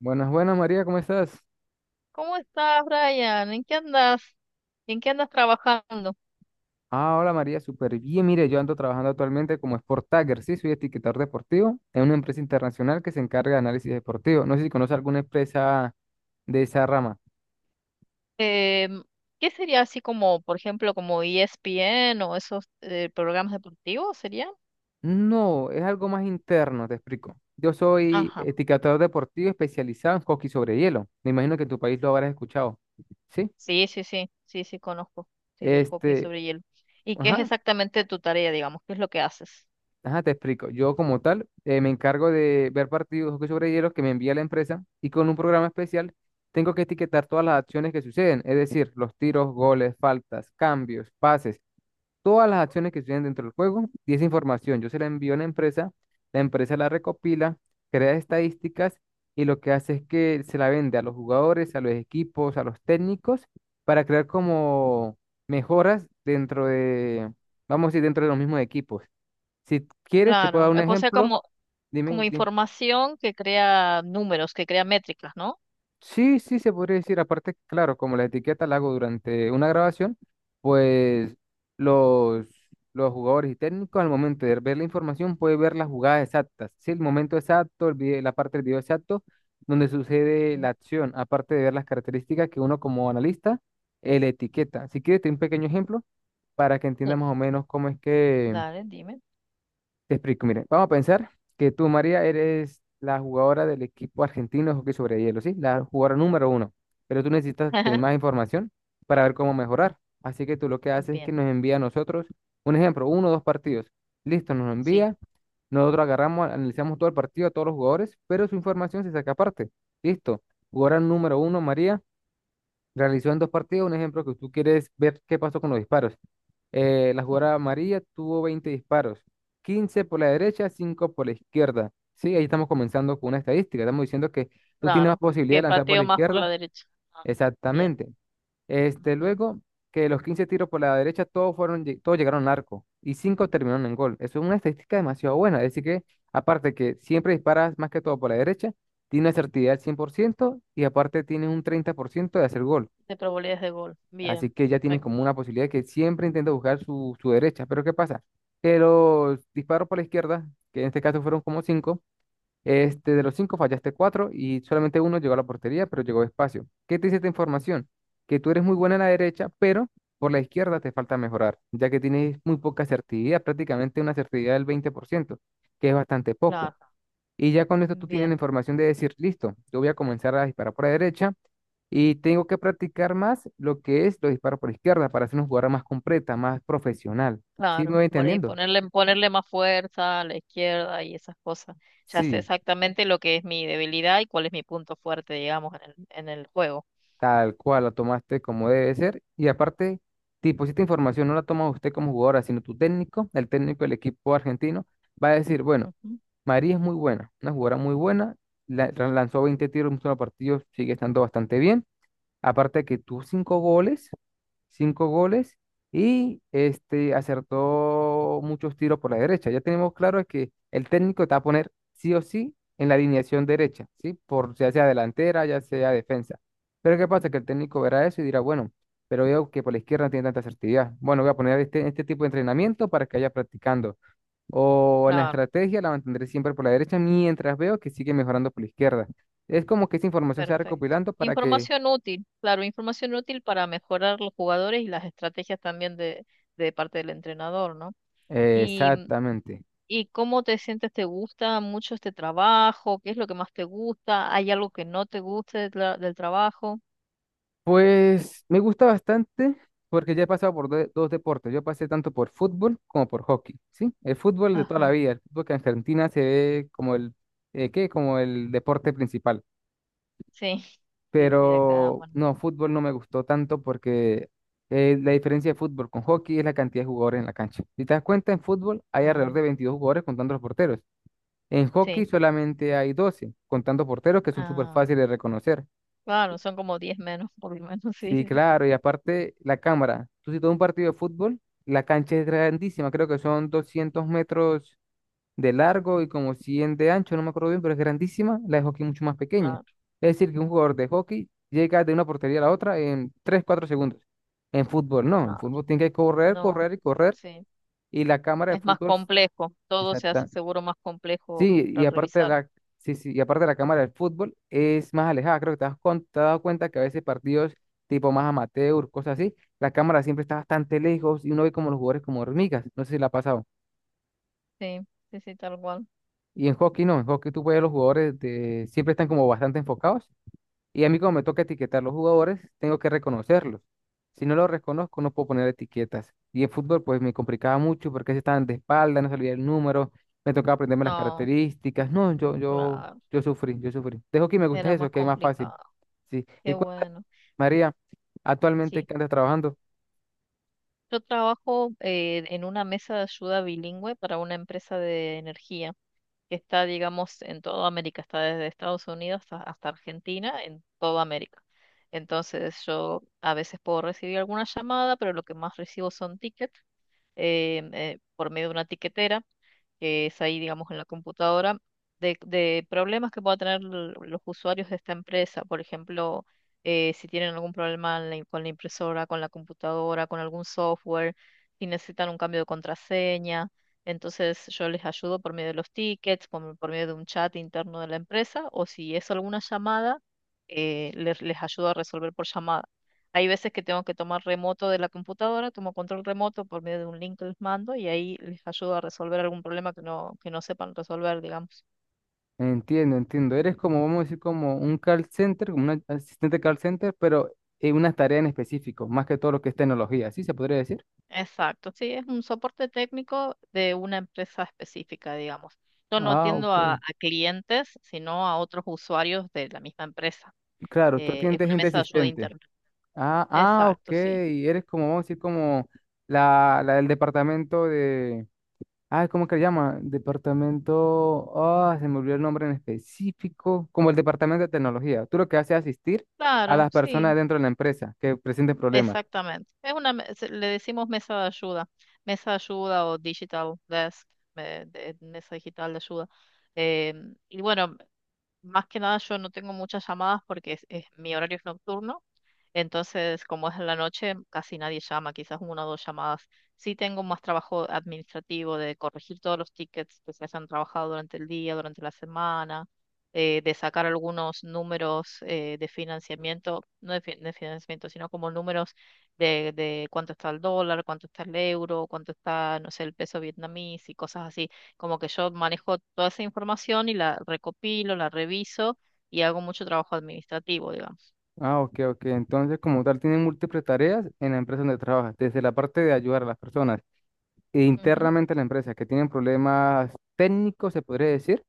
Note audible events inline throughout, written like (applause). Buenas, buenas María, ¿cómo estás? ¿Cómo estás, Brian? ¿En qué andas? ¿En qué andas trabajando? Ah, hola María, súper bien. Mire, yo ando trabajando actualmente como Sport Tagger, sí, soy etiquetador deportivo en una empresa internacional que se encarga de análisis deportivo. No sé si conoce alguna empresa de esa rama. Em, ¿Qué sería así como, por ejemplo, como ESPN o esos programas deportivos serían? No, es algo más interno, te explico. Yo soy Ajá. etiquetador deportivo especializado en hockey sobre hielo. Me imagino que en tu país lo habrás escuchado, ¿sí? Sí, sí, sí, sí, sí, conozco, sí, del hockey Este, sobre hielo. ¿Y qué es ajá, exactamente tu tarea, digamos? ¿Qué es lo que haces? ajá, te explico. Yo como tal me encargo de ver partidos de hockey sobre hielo que me envía la empresa y con un programa especial tengo que etiquetar todas las acciones que suceden, es decir, los tiros, goles, faltas, cambios, pases, todas las acciones que suceden dentro del juego, y esa información yo se la envío a la empresa, la empresa la recopila, crea estadísticas y lo que hace es que se la vende a los jugadores, a los equipos, a los técnicos para crear como mejoras dentro de, vamos a decir, dentro de los mismos equipos. Si quieres, te puedo dar Claro, un o sea, ejemplo. Como Dime, dime. información que crea números, que crea métricas, ¿no? Sí, sí, se podría decir. Aparte, claro, como la etiqueta la hago durante una grabación, pues los, los jugadores y técnicos al momento de ver la información pueden ver las jugadas exactas. Sí, el momento exacto, la parte del video exacto donde sucede Mm, la acción, aparte de ver las características que uno como analista le etiqueta. Si quieres, te doy un pequeño ejemplo para que entiendas sí, más o menos cómo es que... dale, dime. Te explico, mire, vamos a pensar que tú, María, eres la jugadora del equipo argentino de hockey sobre hielo, ¿sí? La jugadora número uno, pero tú necesitas tener más (laughs) información para ver cómo mejorar. Así que tú lo que haces es que Bien, nos envía a nosotros, un ejemplo, uno o dos partidos. Listo, nos lo sí. envía, nosotros agarramos, analizamos todo el partido, a todos los jugadores, pero su información se saca aparte. Listo, jugadora número uno, María, realizó en dos partidos, un ejemplo que tú quieres ver qué pasó con los disparos. La Mm. jugada amarilla tuvo 20 disparos, 15 por la derecha, 5 por la izquierda. Sí, ahí estamos comenzando con una estadística. Estamos diciendo que tú tienes más Claro, posibilidad de que lanzar por la pateo más por la izquierda. derecha. Ah, bien. Exactamente. Ujú. Luego que los 15 tiros por la derecha, todos fueron, todos llegaron al arco y 5 terminaron en gol. Eso es una estadística demasiado buena. Es decir que, aparte que siempre disparas más que todo por la derecha, tiene una certidumbre al 100% y aparte tiene un 30% de hacer gol. De probabilidades de gol. Así Bien, que ya tienen perfecto. como una posibilidad de que siempre intenta buscar su derecha. Pero ¿qué pasa? Que los disparos por la izquierda, que en este caso fueron como cinco, de los cinco fallaste cuatro y solamente uno llegó a la portería, pero llegó despacio. ¿Qué te dice esta información? Que tú eres muy buena en la derecha, pero por la izquierda te falta mejorar, ya que tienes muy poca certidumbre, prácticamente una certidumbre del 20%, que es bastante poco. Claro, Y ya con esto tú tienes la bien, información de decir, listo, yo voy a comenzar a disparar por la derecha y tengo que practicar más lo que es los disparos por izquierda para ser una jugadora más completa, más profesional. ¿Sí me claro. voy Por ahí entendiendo? Ponerle más fuerza a la izquierda y esas cosas. Ya sé Sí, exactamente lo que es mi debilidad y cuál es mi punto fuerte, digamos, en el juego. tal cual, la tomaste como debe ser. Y aparte, tipo, si esta información no la toma usted como jugadora, sino tu técnico, el técnico del equipo argentino, va a decir, bueno, Ujú. María es muy buena, una jugadora muy buena, lanzó 20 tiros en un solo partido, sigue estando bastante bien. Aparte de que tus cinco goles, y acertó muchos tiros por la derecha. Ya tenemos claro que el técnico te va a poner sí o sí en la alineación derecha, ¿sí? Por ya sea delantera, ya sea defensa. Pero ¿qué pasa? Que el técnico verá eso y dirá, bueno, pero veo que por la izquierda no tiene tanta asertividad. Bueno, voy a poner este tipo de entrenamiento para que vaya practicando. O en la Claro, estrategia la mantendré siempre por la derecha mientras veo que sigue mejorando por la izquierda. Es como que esa información se va perfecto. recopilando para que... Información útil, claro, información útil para mejorar los jugadores y las estrategias también de parte del entrenador, ¿no? y Exactamente. ¿Y cómo te sientes? ¿Te gusta mucho este trabajo? ¿Qué es lo que más te gusta? ¿Hay algo que no te guste de del trabajo? Pues me gusta bastante porque ya he pasado por dos deportes. Yo pasé tanto por fútbol como por hockey, ¿sí? El fútbol de toda la Ajá. vida, el fútbol que en Argentina se ve como el, ¿qué? Como el deporte principal. Sí, sí, sí, acá, Pero bueno. no, fútbol no me gustó tanto porque la diferencia de fútbol con hockey es la cantidad de jugadores en la cancha. Si te das cuenta, en fútbol hay Ah, alrededor de 22 jugadores contando los porteros. En hockey sí, solamente hay 12 contando porteros, que son súper ah, fáciles de reconocer. claro, son como 10 menos, (laughs) por lo menos, sí, Sí, sí, sí, claro, y aparte la cámara. Tú si todo un partido de fútbol, la cancha es grandísima, creo que son 200 metros de largo y como 100 de ancho, no me acuerdo bien, pero es grandísima, la de hockey mucho más pequeña. claro, Es decir, que un jugador de hockey llega de una portería a la otra en 3 4 segundos. En fútbol no, en claro. fútbol tiene que correr, No, correr y correr, sí, y la cámara de es más fútbol... complejo, todo se hace seguro más complejo Sí, para revisar. Sí, sí, y aparte de la cámara del fútbol es más alejada. Creo que te has dado cuenta que a veces partidos tipo más amateur, cosas así, la cámara siempre está bastante lejos y uno ve como los jugadores como hormigas. No sé si la ha pasado. Sí, sí, sí, tal cual. Y en hockey no, en hockey tú ves a los jugadores de, siempre están como bastante enfocados. Y a mí como me toca etiquetar los jugadores, tengo que reconocerlos. Si no los reconozco, no puedo poner etiquetas. Y en fútbol, pues me complicaba mucho porque se estaban de espalda, no salía el número, me tocaba aprenderme las Ah, características. No, claro, yo sufrí, yo sufrí. Dejo que me guste era eso, más que es más fácil. complicado. Sí. Y Qué cuéntame, bueno. María, actualmente Sí, qué andas trabajando. yo trabajo en una mesa de ayuda bilingüe para una empresa de energía que está, digamos, en toda América, está desde Estados Unidos hasta, hasta Argentina, en toda América. Entonces yo a veces puedo recibir alguna llamada, pero lo que más recibo son tickets por medio de una tiquetera que es ahí, digamos, en la computadora, de problemas que puedan tener los usuarios de esta empresa. Por ejemplo, si tienen algún problema en la con la impresora, con la computadora, con algún software, si necesitan un cambio de contraseña. Entonces yo les ayudo por medio de los tickets, por medio de un chat interno de la empresa, o si es alguna llamada, les ayudo a resolver por llamada. Hay veces que tengo que tomar remoto de la computadora, tomo control remoto por medio de un link que les mando y ahí les ayudo a resolver algún problema que no sepan resolver, digamos. Entiendo, entiendo. Eres como, vamos a decir, como un call center, como un asistente call center, pero en una tarea en específico, más que todo lo que es tecnología. ¿Sí se podría decir? Exacto, sí, es un soporte técnico de una empresa específica, digamos. Yo no Ah, atiendo ok. A clientes, sino a otros usuarios de la misma empresa. Claro, tú tienes Es una gente mesa de ayuda asistente. interna. Ah, ah, ok. Exacto, sí. Eres como, vamos a decir, como la del departamento de. Ah, ¿cómo que le llama? Departamento. Ah, se me olvidó el nombre en específico. Como el departamento de tecnología. Tú lo que haces es asistir a Claro, las sí. personas dentro de la empresa que presenten problemas. Exactamente. Es una, le decimos mesa de ayuda o digital desk, mesa digital de ayuda. Y bueno, más que nada yo no tengo muchas llamadas porque mi horario es nocturno, entonces como es en la noche casi nadie llama, quizás una o dos llamadas. Sí tengo más trabajo administrativo de corregir todos los tickets que se hayan trabajado durante el día, durante la semana, de sacar algunos números de financiamiento, no de financiamiento, sino como números de cuánto está el dólar, cuánto está el euro, cuánto está, no sé, el peso vietnamís y cosas así como que yo manejo toda esa información y la recopilo, la reviso y hago mucho trabajo administrativo, digamos. Ah, ok, ok. Entonces, como tal, tienen múltiples tareas en la empresa donde trabajas, desde la parte de ayudar a las personas e Ujú. internamente a la empresa que tienen problemas técnicos, se podría decir.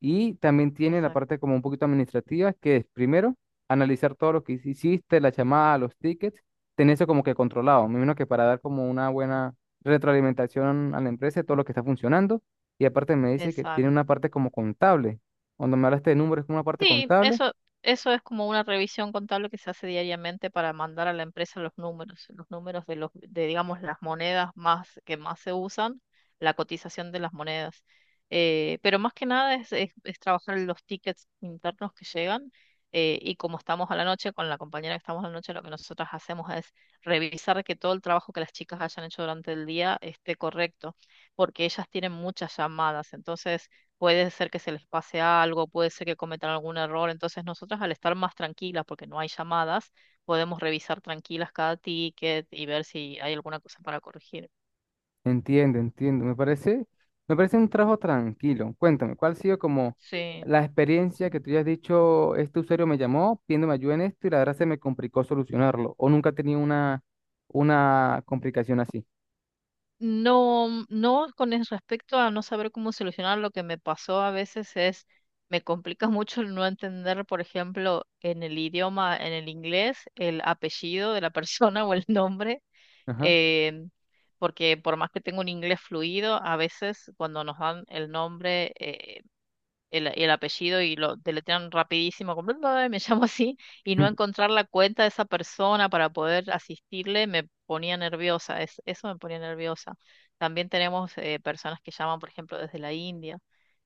Y también tiene la Exacto, parte como un poquito administrativa, que es primero analizar todo lo que hiciste, la llamada, los tickets, tener eso como que controlado. Me imagino que para dar como una buena retroalimentación a la empresa de todo lo que está funcionando. Y aparte me dice que tiene una parte como contable. Cuando me hablaste de números, es como una parte sí, contable. eso es como una revisión contable que se hace diariamente para mandar a la empresa los números de digamos las monedas más que más se usan, la cotización de las monedas. Pero más que nada es trabajar en los tickets internos que llegan y como estamos a la noche, con la compañera que estamos a la noche, lo que nosotras hacemos es revisar que todo el trabajo que las chicas hayan hecho durante el día esté correcto, porque ellas tienen muchas llamadas, entonces puede ser que se les pase algo, puede ser que cometan algún error. Entonces nosotras al estar más tranquilas, porque no hay llamadas, podemos revisar tranquilas cada ticket y ver si hay alguna cosa para corregir. Entiendo, entiendo. Me parece un trabajo tranquilo. Cuéntame, ¿cuál ha sido como Sí, la experiencia sí. que tú ya has dicho, este usuario me llamó pidiéndome ayuda en esto y la verdad se me complicó solucionarlo? ¿O nunca he tenido una, complicación así? No, no con el respecto a no saber cómo solucionar, lo que me pasó a veces me complica (laughs) mucho el no entender, por ejemplo, en el idioma, en el inglés, el apellido de la persona (laughs) o el nombre Ajá. eh, porque por más que tengo un inglés fluido, a veces cuando nos dan el nombre, el apellido y lo deletrean rapidísimo, como, "Bla, bla, bla", me (laughs) llamo así, y no encontrar la cuenta de esa persona para poder asistirle me ponía nerviosa, eso me ponía nerviosa. También tenemos personas que llaman, por ejemplo, desde la India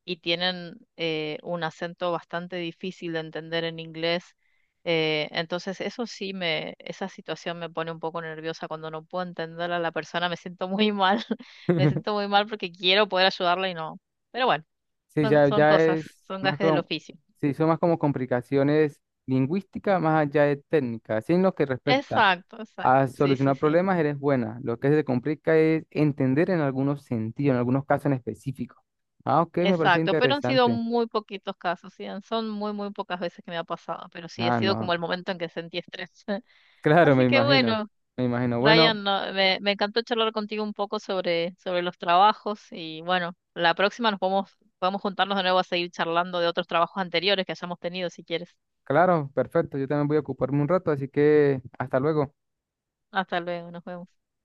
y tienen un acento bastante difícil de entender en inglés. Entonces, eso sí me, esa situación me pone un poco nerviosa cuando no puedo entender a la persona, me siento muy mal, (laughs) me siento (laughs) muy mal porque quiero poder ayudarla y no. Pero bueno. Sí, ya, Son ya cosas, es son más gajes del como, oficio. sí, son más como complicaciones lingüísticas más allá de técnicas. Sí, en lo que respecta Exacto, exacto. a Sí, sí, solucionar sí. problemas, eres buena. Lo que se te complica es entender en algunos sentidos, en algunos casos en específico. Ah, ok, me parece Exacto. Pero han sido interesante. muy poquitos casos, sí. Son muy, muy pocas veces que me ha pasado. Pero sí, ha Ah, sido no. como el (laughs) momento en que sentí estrés. (laughs) Claro, me Así que imagino. bueno, Me imagino. Bueno, Ryan, me encantó charlar contigo un poco sobre los trabajos. Y bueno, la próxima podemos juntarnos de nuevo a seguir charlando de otros trabajos anteriores que hayamos tenido, si quieres. claro, perfecto. Yo también voy a ocuparme un rato, así que hasta luego. Hasta luego, nos vemos.